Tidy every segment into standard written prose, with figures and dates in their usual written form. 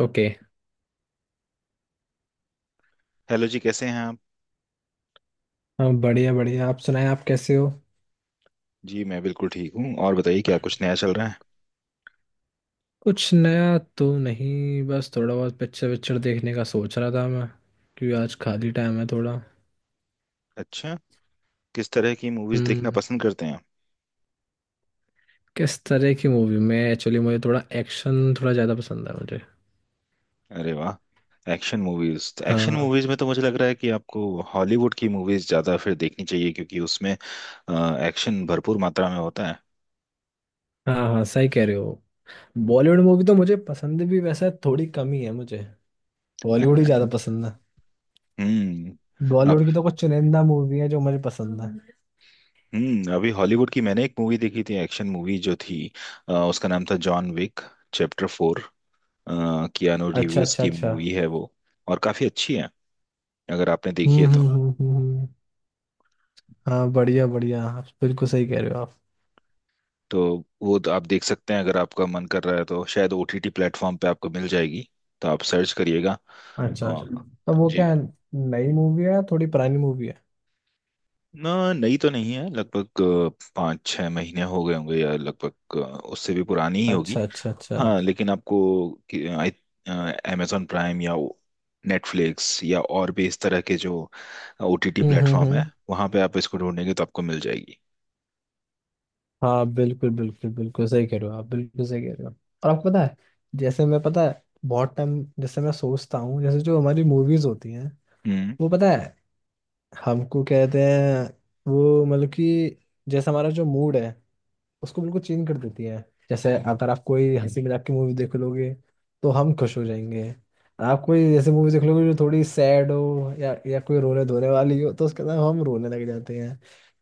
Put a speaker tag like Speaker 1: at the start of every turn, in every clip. Speaker 1: Okay.
Speaker 2: Hello जी, कैसे हैं आप?
Speaker 1: हाँ, बढ़िया बढ़िया, आप सुनाएं, आप कैसे हो?
Speaker 2: जी, मैं बिल्कुल ठीक हूँ। और बताइए, क्या कुछ नया चल रहा है।
Speaker 1: कुछ नया तो नहीं, बस थोड़ा बहुत पिक्चर विक्चर देखने का सोच रहा था मैं, क्योंकि आज खाली टाइम है थोड़ा।
Speaker 2: अच्छा। किस तरह की मूवीज देखना
Speaker 1: हम्म।
Speaker 2: पसंद करते हैं आप?
Speaker 1: किस तरह की मूवी में एक्चुअली मुझे थोड़ा एक्शन, थोड़ा ज़्यादा पसंद है मुझे।
Speaker 2: अरे वाह, एक्शन मूवीज! तो एक्शन
Speaker 1: हाँ
Speaker 2: मूवीज में तो मुझे लग रहा है कि आपको हॉलीवुड की मूवीज ज्यादा फिर देखनी चाहिए, क्योंकि उसमें एक्शन भरपूर मात्रा में होता है।
Speaker 1: हाँ, हाँ सही कह रहे हो। बॉलीवुड मूवी तो मुझे पसंद भी वैसे थोड़ी कम ही है मुझे, बॉलीवुड ही ज़्यादा पसंद है।
Speaker 2: हम्म। अब
Speaker 1: बॉलीवुड की तो कुछ चुनिंदा मूवी है जो मुझे पसंद है।
Speaker 2: अभी हॉलीवुड की मैंने एक मूवी देखी थी, एक्शन मूवी जो थी उसका नाम था जॉन विक चैप्टर 4। कियानो
Speaker 1: अच्छा
Speaker 2: रिव्यूज
Speaker 1: अच्छा
Speaker 2: की
Speaker 1: अच्छा।
Speaker 2: मूवी है वो, और काफी अच्छी है अगर आपने देखी
Speaker 1: हम्म,
Speaker 2: है
Speaker 1: हम्म,
Speaker 2: तो।
Speaker 1: हम्म, हम्म, हाँ बढ़िया बढ़िया, आप बिल्कुल सही कह रहे हो आप।
Speaker 2: तो वो तो आप देख सकते हैं, अगर आपका मन कर रहा है तो शायद OTT प्लेटफॉर्म पे आपको मिल जाएगी। तो आप सर्च करिएगा।
Speaker 1: अच्छा
Speaker 2: आ,
Speaker 1: अच्छा, तो वो
Speaker 2: जी।
Speaker 1: क्या नई मूवी है या थोड़ी पुरानी मूवी है?
Speaker 2: ना, नई तो नहीं है। लगभग 5-6 महीने हो गए होंगे, या लगभग उससे भी पुरानी ही होगी।
Speaker 1: अच्छा अच्छा अच्छा।
Speaker 2: हाँ, लेकिन आपको अमेजोन प्राइम या नेटफ्लिक्स या और भी इस तरह के जो ओटीटी
Speaker 1: हम्म, हम्म,
Speaker 2: प्लेटफॉर्म है,
Speaker 1: हम्म।
Speaker 2: वहाँ पे आप इसको ढूंढेंगे तो आपको मिल जाएगी।
Speaker 1: हाँ बिल्कुल बिल्कुल बिल्कुल सही कह रहे हो आप, बिल्कुल सही कह रहे हो। और आपको पता है, जैसे मैं, पता है, बहुत टाइम जैसे मैं सोचता हूँ, जैसे जो हमारी मूवीज होती हैं,
Speaker 2: हम्म।
Speaker 1: वो, पता है, हमको कहते हैं, वो मतलब कि, जैसे हमारा जो मूड है, उसको बिल्कुल चेंज कर देती है। जैसे अगर आप कोई हंसी मजाक की मूवी देख लोगे तो हम खुश हो जाएंगे। आप कोई जैसे मूवी देख लोगे जो थोड़ी सैड हो या कोई रोने धोने वाली हो, तो उसके अंदर हम रोने लग जाते हैं।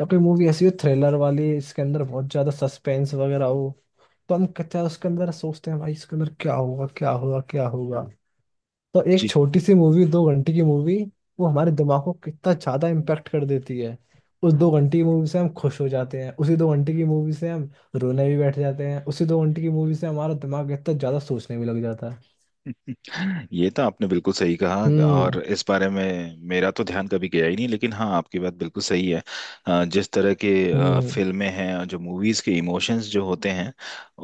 Speaker 1: या कोई मूवी ऐसी हो थ्रिलर वाली, इसके अंदर बहुत ज्यादा सस्पेंस वगैरह हो, तो हम कहते हैं उसके अंदर, सोचते हैं भाई इसके अंदर क्या होगा, क्या होगा, क्या होगा। तो एक छोटी सी मूवी, 2 घंटे की मूवी, वो हमारे दिमाग को कितना ज्यादा इम्पेक्ट कर देती है। उस 2 घंटे की मूवी से हम खुश हो जाते हैं, उसी 2 घंटे की मूवी से हम रोने भी बैठ जाते हैं, उसी दो घंटे की मूवी से हमारा दिमाग इतना ज्यादा सोचने भी लग जाता है।
Speaker 2: ये तो आपने बिल्कुल सही कहा।
Speaker 1: हम्म,
Speaker 2: और इस बारे में मेरा तो ध्यान कभी गया ही नहीं, लेकिन हाँ, आपकी बात बिल्कुल सही है। जिस तरह के
Speaker 1: हम्म,
Speaker 2: फिल्में हैं, और जो मूवीज के इमोशंस जो होते हैं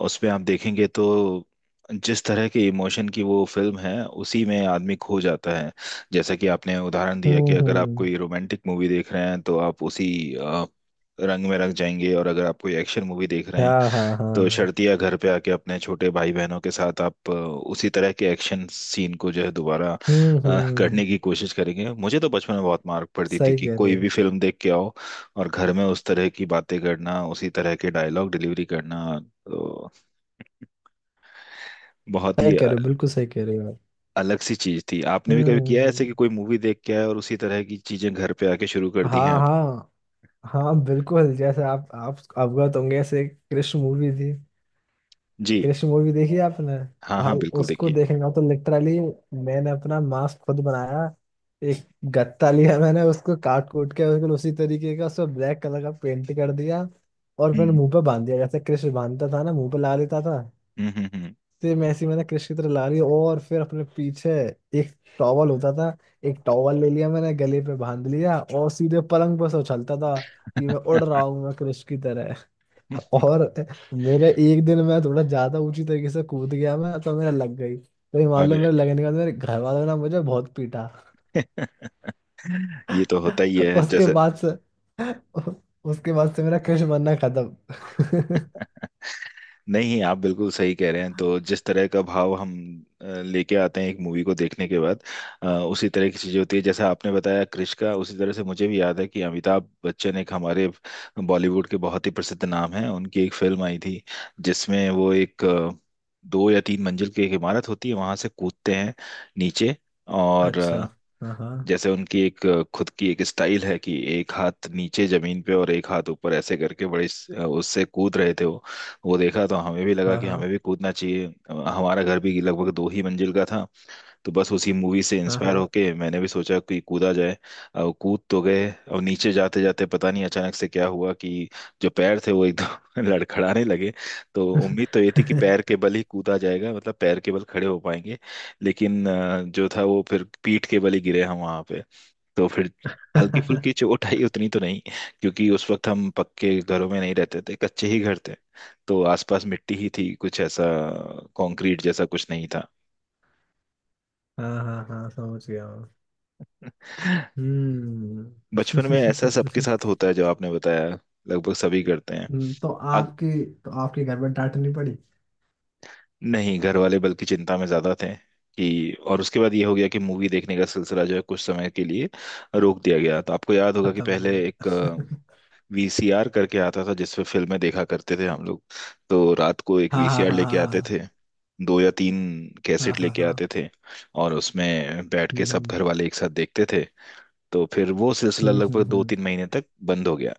Speaker 2: उस पे आप देखेंगे, तो जिस तरह के इमोशन की वो फिल्म है उसी में आदमी खो जाता है। जैसा कि आपने उदाहरण दिया कि
Speaker 1: हम्म,
Speaker 2: अगर आप कोई रोमांटिक मूवी देख रहे हैं तो आप उसी अ, रंग में रंग जाएंगे, और अगर आप कोई एक्शन मूवी देख रहे हैं
Speaker 1: हाँ हाँ
Speaker 2: तो
Speaker 1: हाँ।
Speaker 2: शर्तिया घर पे आके अपने छोटे भाई बहनों के साथ आप उसी तरह के एक्शन सीन को जो है, दोबारा
Speaker 1: हम्म, हम्म।
Speaker 2: करने की कोशिश करेंगे। मुझे तो बचपन में बहुत मार पड़ती थी
Speaker 1: सही
Speaker 2: कि
Speaker 1: कह रहे
Speaker 2: कोई भी
Speaker 1: हो,
Speaker 2: फिल्म देख के आओ और घर में उस तरह की बातें करना, उसी तरह के डायलॉग डिलीवरी करना, तो बहुत ही
Speaker 1: सही कह रहे हो, बिल्कुल सही कह रहे हो आप।
Speaker 2: अलग सी चीज थी। आपने भी कभी किया है ऐसे कि
Speaker 1: हम्म।
Speaker 2: कोई मूवी देख के आए और उसी तरह की चीजें घर पे आके शुरू कर दी हैं
Speaker 1: हाँ
Speaker 2: आप?
Speaker 1: हाँ हाँ, बिल्कुल, जैसे आप अवगत होंगे, ऐसे एक कृष्ण मूवी थी।
Speaker 2: जी।
Speaker 1: कृष मूवी देखी है आपने?
Speaker 2: हाँ हाँ
Speaker 1: भाई
Speaker 2: बिल्कुल,
Speaker 1: उसको
Speaker 2: देखिए।
Speaker 1: देखना तो लिटरली, मैंने अपना मास्क खुद बनाया। एक गत्ता लिया मैंने, उसको काट कूट के बिल्कुल उसी तरीके का, उसको ब्लैक कलर का पेंट कर दिया। और मैंने
Speaker 2: हम्म
Speaker 1: मुंह पे बांध दिया, जैसे कृष बांधता था ना मुंह पे ला लेता था।
Speaker 2: हम्म हम्म
Speaker 1: सेम ऐसे ही मैंने कृष की तरह ला ली, और फिर अपने पीछे एक टॉवल होता था, एक टॉवल ले लिया मैंने, गले पे बांध लिया और सीधे पलंग पर से उछलता था कि मैं उड़ रहा
Speaker 2: हम्म।
Speaker 1: हूँ मैं कृष की तरह। और मेरे एक दिन मैं थोड़ा ज्यादा ऊंची तरीके से कूद गया मैं, तो मेरा लग गई, तो ये मान
Speaker 2: अरे!
Speaker 1: लो मेरे लगने के बाद मेरे घर वालों ने मुझे बहुत पीटा।
Speaker 2: ये तो होता ही है
Speaker 1: उसके
Speaker 2: जैसे।
Speaker 1: बाद से, मेरा कृष बनना खत्म।
Speaker 2: नहीं, आप बिल्कुल सही कह रहे हैं। तो जिस तरह का भाव हम लेके आते हैं एक मूवी को देखने के बाद, उसी तरह की चीजें होती है, जैसा आपने बताया क्रिश का। उसी तरह से मुझे भी याद है कि अमिताभ बच्चन, एक हमारे बॉलीवुड के बहुत ही प्रसिद्ध नाम हैं, उनकी एक फिल्म आई थी जिसमें वो एक 2 या 3 मंजिल की एक इमारत होती है, वहां से कूदते हैं नीचे। और
Speaker 1: अच्छा, हाँ हाँ
Speaker 2: जैसे उनकी एक खुद की एक स्टाइल है कि एक हाथ नीचे जमीन पे और एक हाथ ऊपर ऐसे करके बड़े उससे कूद रहे थे वो। वो देखा तो हमें भी लगा
Speaker 1: हाँ
Speaker 2: कि हमें
Speaker 1: हाँ
Speaker 2: भी कूदना चाहिए। हमारा घर भी लगभग 2 ही मंजिल का था। तो बस उसी मूवी से
Speaker 1: हाँ
Speaker 2: इंस्पायर
Speaker 1: हाँ।
Speaker 2: होके मैंने भी सोचा कि कूदा जाए। अब कूद तो गए, अब नीचे जाते जाते पता नहीं अचानक से क्या हुआ कि जो पैर थे वो एकदम लड़खड़ाने लगे। तो उम्मीद तो ये थी कि पैर के बल ही कूदा जाएगा, मतलब पैर के बल खड़े हो पाएंगे। लेकिन जो था, वो फिर पीठ के बल ही गिरे हम वहां पे। तो फिर हल्की फुल्की चोट आई, उतनी तो नहीं, क्योंकि उस वक्त हम पक्के घरों में नहीं रहते थे, कच्चे ही घर थे। तो आसपास मिट्टी ही थी, कुछ ऐसा कंक्रीट जैसा कुछ नहीं था।
Speaker 1: हाँ हाँ हाँ, समझ गया मैं। हम्म।
Speaker 2: बचपन में ऐसा सबके साथ होता है, जो आपने बताया, लगभग सभी करते हैं।
Speaker 1: तो
Speaker 2: अग,
Speaker 1: आपकी तो आपके घर में डांट नहीं पड़ी?
Speaker 2: नहीं, घर वाले बल्कि चिंता में ज्यादा थे। कि और उसके बाद ये हो गया कि मूवी देखने का सिलसिला जो है, कुछ समय के लिए रोक दिया गया। तो आपको याद होगा कि
Speaker 1: खत्म हो
Speaker 2: पहले
Speaker 1: गया।
Speaker 2: एक VCR करके आता था, जिसपे फिल्में देखा करते थे हम लोग। तो रात को एक
Speaker 1: हाँ हाँ
Speaker 2: VCR
Speaker 1: हाँ
Speaker 2: लेके
Speaker 1: हाँ
Speaker 2: आते
Speaker 1: हाँ
Speaker 2: थे, दो या तीन
Speaker 1: हाँ
Speaker 2: कैसेट
Speaker 1: हाँ
Speaker 2: लेके
Speaker 1: हाँ।
Speaker 2: आते थे, और उसमें बैठ के सब
Speaker 1: हम्म,
Speaker 2: घर वाले एक साथ देखते थे। तो फिर वो सिलसिला
Speaker 1: हम्म, हम्म,
Speaker 2: लगभग दो तीन महीने तक बंद हो गया।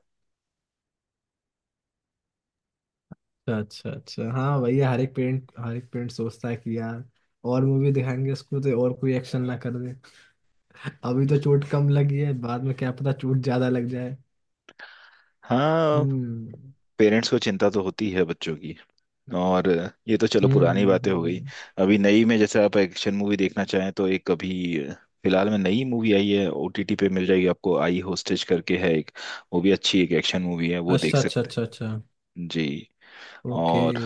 Speaker 1: अच्छा अच्छा अच्छा, हाँ भैया, हर एक पेरेंट सोचता है कि यार, और मूवी दिखाएंगे उसको तो और कोई एक्शन ना कर दे। अभी तो चोट कम लगी है, बाद में क्या पता चोट ज्यादा लग जाए।
Speaker 2: हाँ,
Speaker 1: हम्म,
Speaker 2: पेरेंट्स को चिंता तो होती है बच्चों की। और ये तो चलो,
Speaker 1: हम्म,
Speaker 2: पुरानी
Speaker 1: हम्म,
Speaker 2: बातें हो गई। अभी नई में जैसे आप एक्शन मूवी देखना चाहें तो एक अभी फिलहाल में नई मूवी आई है OTT पे, मिल जाएगी आपको, आई होस्टेज करके है एक। वो भी अच्छी एक एक्शन मूवी है, वो देख
Speaker 1: अच्छा अच्छा
Speaker 2: सकते
Speaker 1: अच्छा अच्छा।
Speaker 2: हैं जी।
Speaker 1: ओके।
Speaker 2: और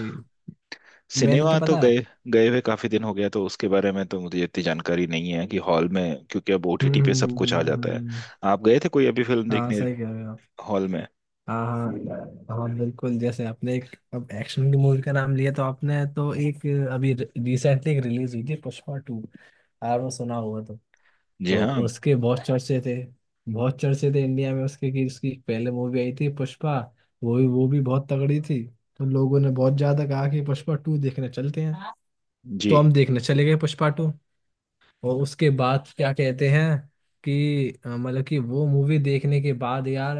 Speaker 1: मैंने तो
Speaker 2: सिनेमा तो
Speaker 1: पता
Speaker 2: गए,
Speaker 1: है।
Speaker 2: गए हुए काफी दिन हो गया, तो उसके बारे में तो मुझे इतनी जानकारी नहीं है कि हॉल में, क्योंकि अब
Speaker 1: हम्म,
Speaker 2: OTT पे सब
Speaker 1: हम्म, हम्म,
Speaker 2: कुछ आ
Speaker 1: हम्म, हम्म,
Speaker 2: जाता है।
Speaker 1: हम्म।
Speaker 2: आप गए थे कोई अभी फिल्म
Speaker 1: हाँ
Speaker 2: देखने
Speaker 1: सही कह रहे हो।
Speaker 2: हॉल में?
Speaker 1: हाँ हाँ हाँ, बिल्कुल, जैसे आपने एक, अब एक्शन की मूवी का नाम लिया तो आपने तो, एक अभी रिसेंटली एक रिलीज हुई थी पुष्पा टू, यार वो सुना होगा तो।
Speaker 2: जी
Speaker 1: तो
Speaker 2: हाँ,
Speaker 1: उसके बहुत चर्चे थे, बहुत चर्चे थे इंडिया में उसके, कि उसकी पहले मूवी आई थी पुष्पा, वो भी बहुत तगड़ी थी। तो लोगों ने बहुत ज्यादा कहा कि पुष्पा टू देखने चलते हैं,
Speaker 2: जी।
Speaker 1: तो हम देखने चले गए पुष्पा टू। और उसके बाद क्या कहते हैं कि मतलब कि वो मूवी देखने के बाद यार,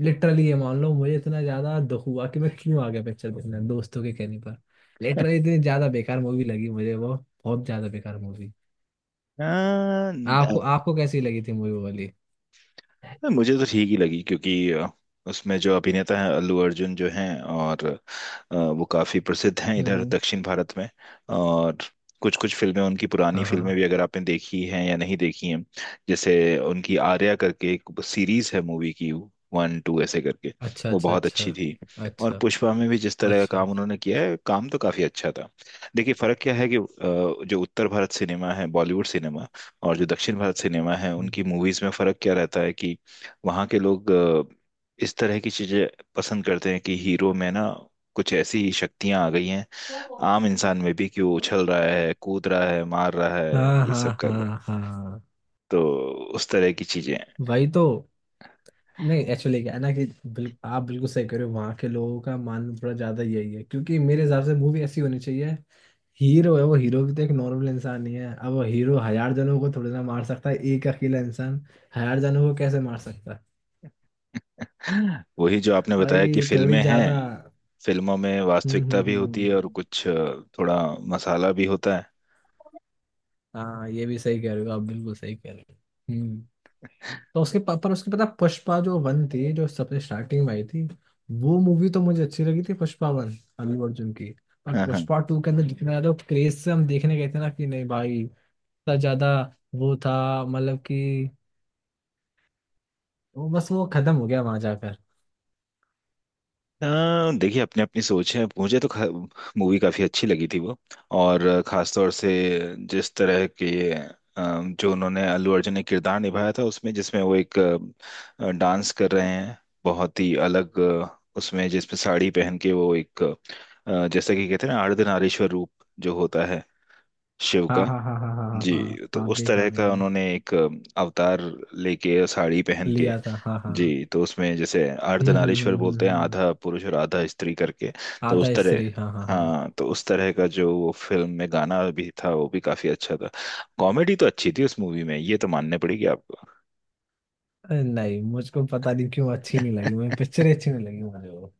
Speaker 1: लिटरली ये मान लो मुझे इतना ज्यादा दुख हुआ कि मैं क्यों आ गया पिक्चर देखने दोस्तों के कहने पर। लिटरली इतनी ज्यादा बेकार मूवी लगी मुझे वो, बहुत ज्यादा बेकार मूवी।
Speaker 2: हाँ,
Speaker 1: आपको आपको कैसी लगी थी मूवी वाली?
Speaker 2: हाँ, मुझे तो ठीक ही लगी, क्योंकि उसमें जो अभिनेता हैं अल्लू अर्जुन जो हैं, और वो काफी प्रसिद्ध हैं इधर
Speaker 1: हम्म।
Speaker 2: दक्षिण भारत में। और कुछ कुछ फिल्में, उनकी पुरानी
Speaker 1: हाँ हाँ।
Speaker 2: फिल्में भी, अगर आपने देखी हैं या नहीं देखी हैं। जैसे उनकी आर्या करके एक सीरीज है मूवी की, 1 2 ऐसे करके,
Speaker 1: अच्छा
Speaker 2: वो
Speaker 1: अच्छा
Speaker 2: बहुत
Speaker 1: अच्छा
Speaker 2: अच्छी थी। और
Speaker 1: अच्छा
Speaker 2: पुष्पा में भी जिस तरह का
Speaker 1: अच्छा।
Speaker 2: काम उन्होंने किया है, काम तो काफी अच्छा था। देखिए, फर्क क्या है कि जो उत्तर भारत सिनेमा है, बॉलीवुड सिनेमा, और जो दक्षिण भारत सिनेमा है,
Speaker 1: हम्म।
Speaker 2: उनकी मूवीज में फर्क क्या रहता है कि वहाँ के लोग इस तरह की चीजें पसंद करते हैं कि हीरो में ना कुछ ऐसी शक्तियां आ गई हैं, आम इंसान में भी, कि वो उछल रहा है, कूद रहा है, मार रहा है,
Speaker 1: हाँ
Speaker 2: ये सब
Speaker 1: हाँ
Speaker 2: कर रहा
Speaker 1: हाँ
Speaker 2: है।
Speaker 1: हाँ।
Speaker 2: तो उस तरह की चीजें
Speaker 1: वही तो, नहीं एक्चुअली क्या है ना कि, आप बिल्कुल सही कह रहे हो, वहाँ के लोगों का मानना थोड़ा ज्यादा यही है, क्योंकि मेरे हिसाब से मूवी ऐसी होनी चाहिए। हीरो है वो, हीरो भी तो एक नॉर्मल इंसान ही है, अब वो हीरो हजार जनों को थोड़ी ना मार सकता है, एक अकेला इंसान हजार जनों को कैसे मार सकता है?
Speaker 2: हैं, वही जो आपने बताया कि
Speaker 1: भाई थोड़ी
Speaker 2: फिल्में हैं,
Speaker 1: ज्यादा।
Speaker 2: फिल्मों में
Speaker 1: हम्म,
Speaker 2: वास्तविकता
Speaker 1: हम्म,
Speaker 2: भी होती है और
Speaker 1: हम्म।
Speaker 2: कुछ थोड़ा मसाला भी होता
Speaker 1: हाँ ये भी सही कह रहे हो आप, बिल्कुल सही कह रहे हो। हम्म। तो उसके पर उसके पता, पुष्पा जो वन थी, जो सबसे स्टार्टिंग में आई थी, वो मूवी तो मुझे अच्छी लगी थी, पुष्पा वन, अल्लू अर्जुन की। पर
Speaker 2: है।
Speaker 1: पुष्पा टू के अंदर जितना ज्यादा क्रेज से हम देखने गए थे ना, कि नहीं भाई इतना ज्यादा वो था, मतलब कि, वो बस वो खत्म हो गया वहां जाकर।
Speaker 2: अ, देखिए, अपनी अपनी सोच है, मुझे तो मूवी काफ़ी अच्छी लगी थी वो। और खास तौर से, जिस तरह के अ, जो उन्होंने अल्लू अर्जुन ने किरदार निभाया था उसमें, जिसमें वो एक डांस कर रहे हैं, बहुत ही अलग उसमें जिसमें साड़ी पहन के वो एक जैसा कि कहते हैं ना, अर्धनारीश्वर रूप, जो होता है शिव का।
Speaker 1: हाँ हाँ हाँ हाँ हाँ हाँ
Speaker 2: जी,
Speaker 1: हाँ हाँ
Speaker 2: तो
Speaker 1: हाँ,
Speaker 2: उस तरह
Speaker 1: देखा
Speaker 2: का
Speaker 1: मैंने।
Speaker 2: उन्होंने एक अवतार लेके और साड़ी पहन के।
Speaker 1: लिया था, हाँ हाँ।
Speaker 2: जी, तो उसमें जैसे
Speaker 1: हम्म, हम्म, हम्म,
Speaker 2: अर्धनारीश्वर
Speaker 1: हम्म,
Speaker 2: बोलते हैं,
Speaker 1: हम्म।
Speaker 2: आधा पुरुष और आधा स्त्री करके, तो उस
Speaker 1: आधा
Speaker 2: तरह।
Speaker 1: स्त्री, हाँ हाँ हाँ।
Speaker 2: हाँ, तो उस तरह का जो वो फिल्म में गाना भी था, वो भी काफी अच्छा था। कॉमेडी तो अच्छी थी उस मूवी में, ये तो मानने पड़ेगी आपको।
Speaker 1: अरे नहीं, मुझको पता नहीं क्यों अच्छी नहीं लगी मुझे पिक्चर, अच्छी नहीं लगी मुझे वो।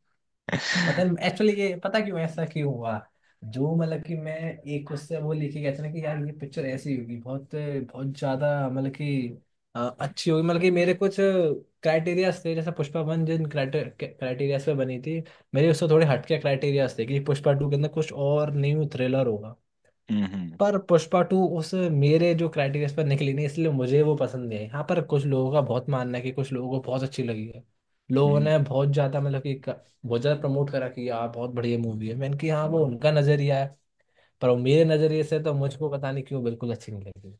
Speaker 1: मतलब एक्चुअली ये, पता क्यों ऐसा क्यों हुआ, जो मतलब कि मैं, एक उससे वो लेके गया था ना, कि यार ये पिक्चर ऐसी होगी बहुत बहुत ज्यादा, मतलब कि अच्छी होगी, मतलब कि मेरे कुछ क्राइटेरिया थे जैसे पुष्पा वन जिन क्राइटेरिया पे बनी थी, मेरे उससे थोड़े हटके क्राइटेरिया थे कि पुष्पा टू के अंदर कुछ और न्यू थ्रिलर होगा।
Speaker 2: हम्म
Speaker 1: पर पुष्पा टू उस मेरे जो क्राइटेरिया पर निकली नहीं, इसलिए मुझे वो पसंद नहीं है, हाँ पर कुछ लोगों का बहुत मानना है कि कुछ लोगों को बहुत अच्छी लगी है, लोगों
Speaker 2: हम्म।
Speaker 1: ने बहुत ज्यादा मतलब कि बहुत ज्यादा प्रमोट करा कि यार बहुत बढ़िया मूवी है, मैंने कि हाँ वो उनका नजरिया है, पर वो मेरे नजरिए से तो मुझको पता नहीं क्यों बिल्कुल अच्छी नहीं लगी।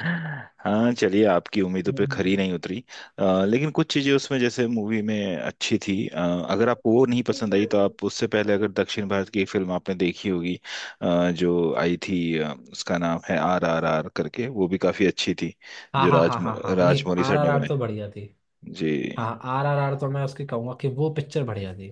Speaker 2: हाँ चलिए, आपकी उम्मीदों पे खरी
Speaker 1: हम्म।
Speaker 2: नहीं उतरी। लेकिन कुछ चीजें उसमें जैसे मूवी में अच्छी थी। अगर आपको वो नहीं पसंद आई तो आप उससे पहले अगर दक्षिण भारत की एक फिल्म आपने देखी होगी, जो आई थी, उसका नाम है RRR करके, वो भी काफी अच्छी थी।
Speaker 1: हाँ
Speaker 2: जो
Speaker 1: हाँ हाँ हाँ हाँ, नहीं
Speaker 2: राजमौली
Speaker 1: आर
Speaker 2: सर
Speaker 1: आर
Speaker 2: ने
Speaker 1: आर
Speaker 2: बनाई।
Speaker 1: तो बढ़िया थी।
Speaker 2: जी।
Speaker 1: हाँ आर आर आर तो मैं उसकी कहूंगा कि वो पिक्चर बढ़िया थी,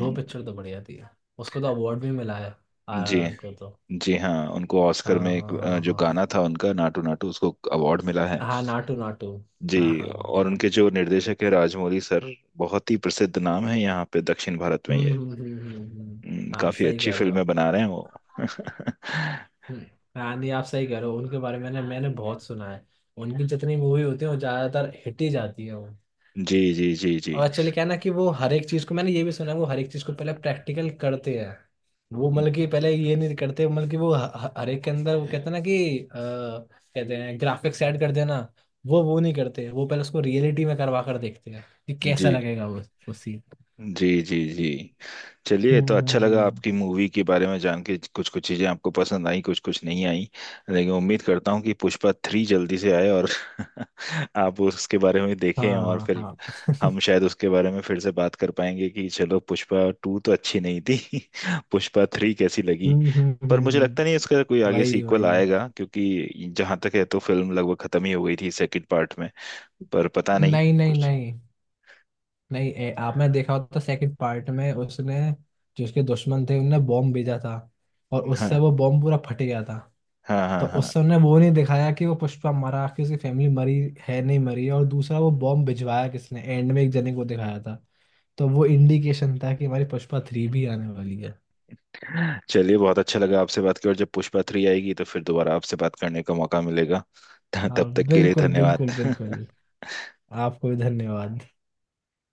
Speaker 1: वो पिक्चर तो बढ़िया थी, उसको तो अवार्ड भी मिला है आर
Speaker 2: जी
Speaker 1: आर आर को तो।
Speaker 2: जी हाँ, उनको ऑस्कर
Speaker 1: हाँ
Speaker 2: में एक
Speaker 1: हाँ हाँ
Speaker 2: जो
Speaker 1: हाँ
Speaker 2: गाना था उनका नाटू नाटू, उसको अवार्ड मिला है।
Speaker 1: हाँ, नाटू नाटू,
Speaker 2: जी।
Speaker 1: हाँ हाँ हाँ
Speaker 2: और
Speaker 1: हाँ।
Speaker 2: उनके जो निर्देशक है राजमौली सर, बहुत ही प्रसिद्ध नाम है यहाँ पे दक्षिण भारत में
Speaker 1: हम्म,
Speaker 2: ये।
Speaker 1: हम्म, हम्म, हाँ
Speaker 2: काफी
Speaker 1: सही
Speaker 2: अच्छी
Speaker 1: कह रहे हो
Speaker 2: फिल्में
Speaker 1: आप।
Speaker 2: बना रहे हैं वो।
Speaker 1: हम्म, हाँ नहीं आप सही कह रहे हो, उनके बारे में मैंने मैंने बहुत सुना है, उनकी जितनी मूवी होती है वो ज़्यादातर हिट ही जाती है वो।
Speaker 2: जी जी जी जी
Speaker 1: और एक्चुअली क्या है ना कि, वो हर एक चीज़ को, मैंने ये भी सुना है वो हर एक चीज़ को पहले प्रैक्टिकल करते हैं, वो मतलब कि पहले ये नहीं करते, मतलब कि वो हर एक के अंदर वो कहते हैं ना कि कहते हैं ग्राफिक्स ऐड कर देना, वो नहीं करते, वो पहले उसको रियलिटी में करवा कर देखते हैं कि
Speaker 2: जी
Speaker 1: कैसा लगेगा वो सीन।
Speaker 2: जी जी जी। चलिए,
Speaker 1: हम्म,
Speaker 2: तो अच्छा लगा आपकी मूवी के बारे में जान के, कुछ कुछ चीजें आपको पसंद आई, कुछ कुछ नहीं आई। लेकिन उम्मीद करता हूँ कि पुष्पा 3 जल्दी से आए, और आप उसके बारे में
Speaker 1: हाँ
Speaker 2: देखें, और
Speaker 1: हाँ
Speaker 2: फिर
Speaker 1: हाँ।
Speaker 2: हम शायद उसके बारे में फिर से बात कर पाएंगे कि चलो, पुष्पा 2 तो अच्छी नहीं थी, पुष्पा 3 कैसी लगी।
Speaker 1: हम्म,
Speaker 2: पर मुझे
Speaker 1: हम्म।
Speaker 2: लगता नहीं इसका कोई आगे
Speaker 1: वही
Speaker 2: सीक्वल
Speaker 1: वही।
Speaker 2: आएगा, क्योंकि जहां तक है तो फिल्म लगभग खत्म ही हो गई थी सेकंड पार्ट में। पर पता नहीं
Speaker 1: नहीं नहीं
Speaker 2: कुछ।
Speaker 1: नहीं नहीं आपने देखा होता सेकंड पार्ट में, उसने जो उसके दुश्मन थे उनने बॉम्ब भेजा था, और उससे
Speaker 2: हाँ
Speaker 1: वो बॉम्ब पूरा फट गया था।
Speaker 2: हाँ
Speaker 1: तो
Speaker 2: हाँ हाँ।
Speaker 1: उससे उन्हें वो नहीं दिखाया कि वो पुष्पा मरा कि उसकी फैमिली मरी है, नहीं मरी है, और दूसरा वो बॉम्ब भिजवाया किसने, एंड में एक जने को दिखाया था, तो वो इंडिकेशन था कि हमारी पुष्पा थ्री भी आने वाली है।
Speaker 2: चलिए, बहुत अच्छा लगा आपसे बात कर। और जब पुष्पा 3 आएगी तो फिर दोबारा आपसे बात करने का मौका मिलेगा।
Speaker 1: हाँ
Speaker 2: तब तक के लिए
Speaker 1: बिल्कुल बिल्कुल
Speaker 2: धन्यवाद।
Speaker 1: बिल्कुल। आपको भी धन्यवाद।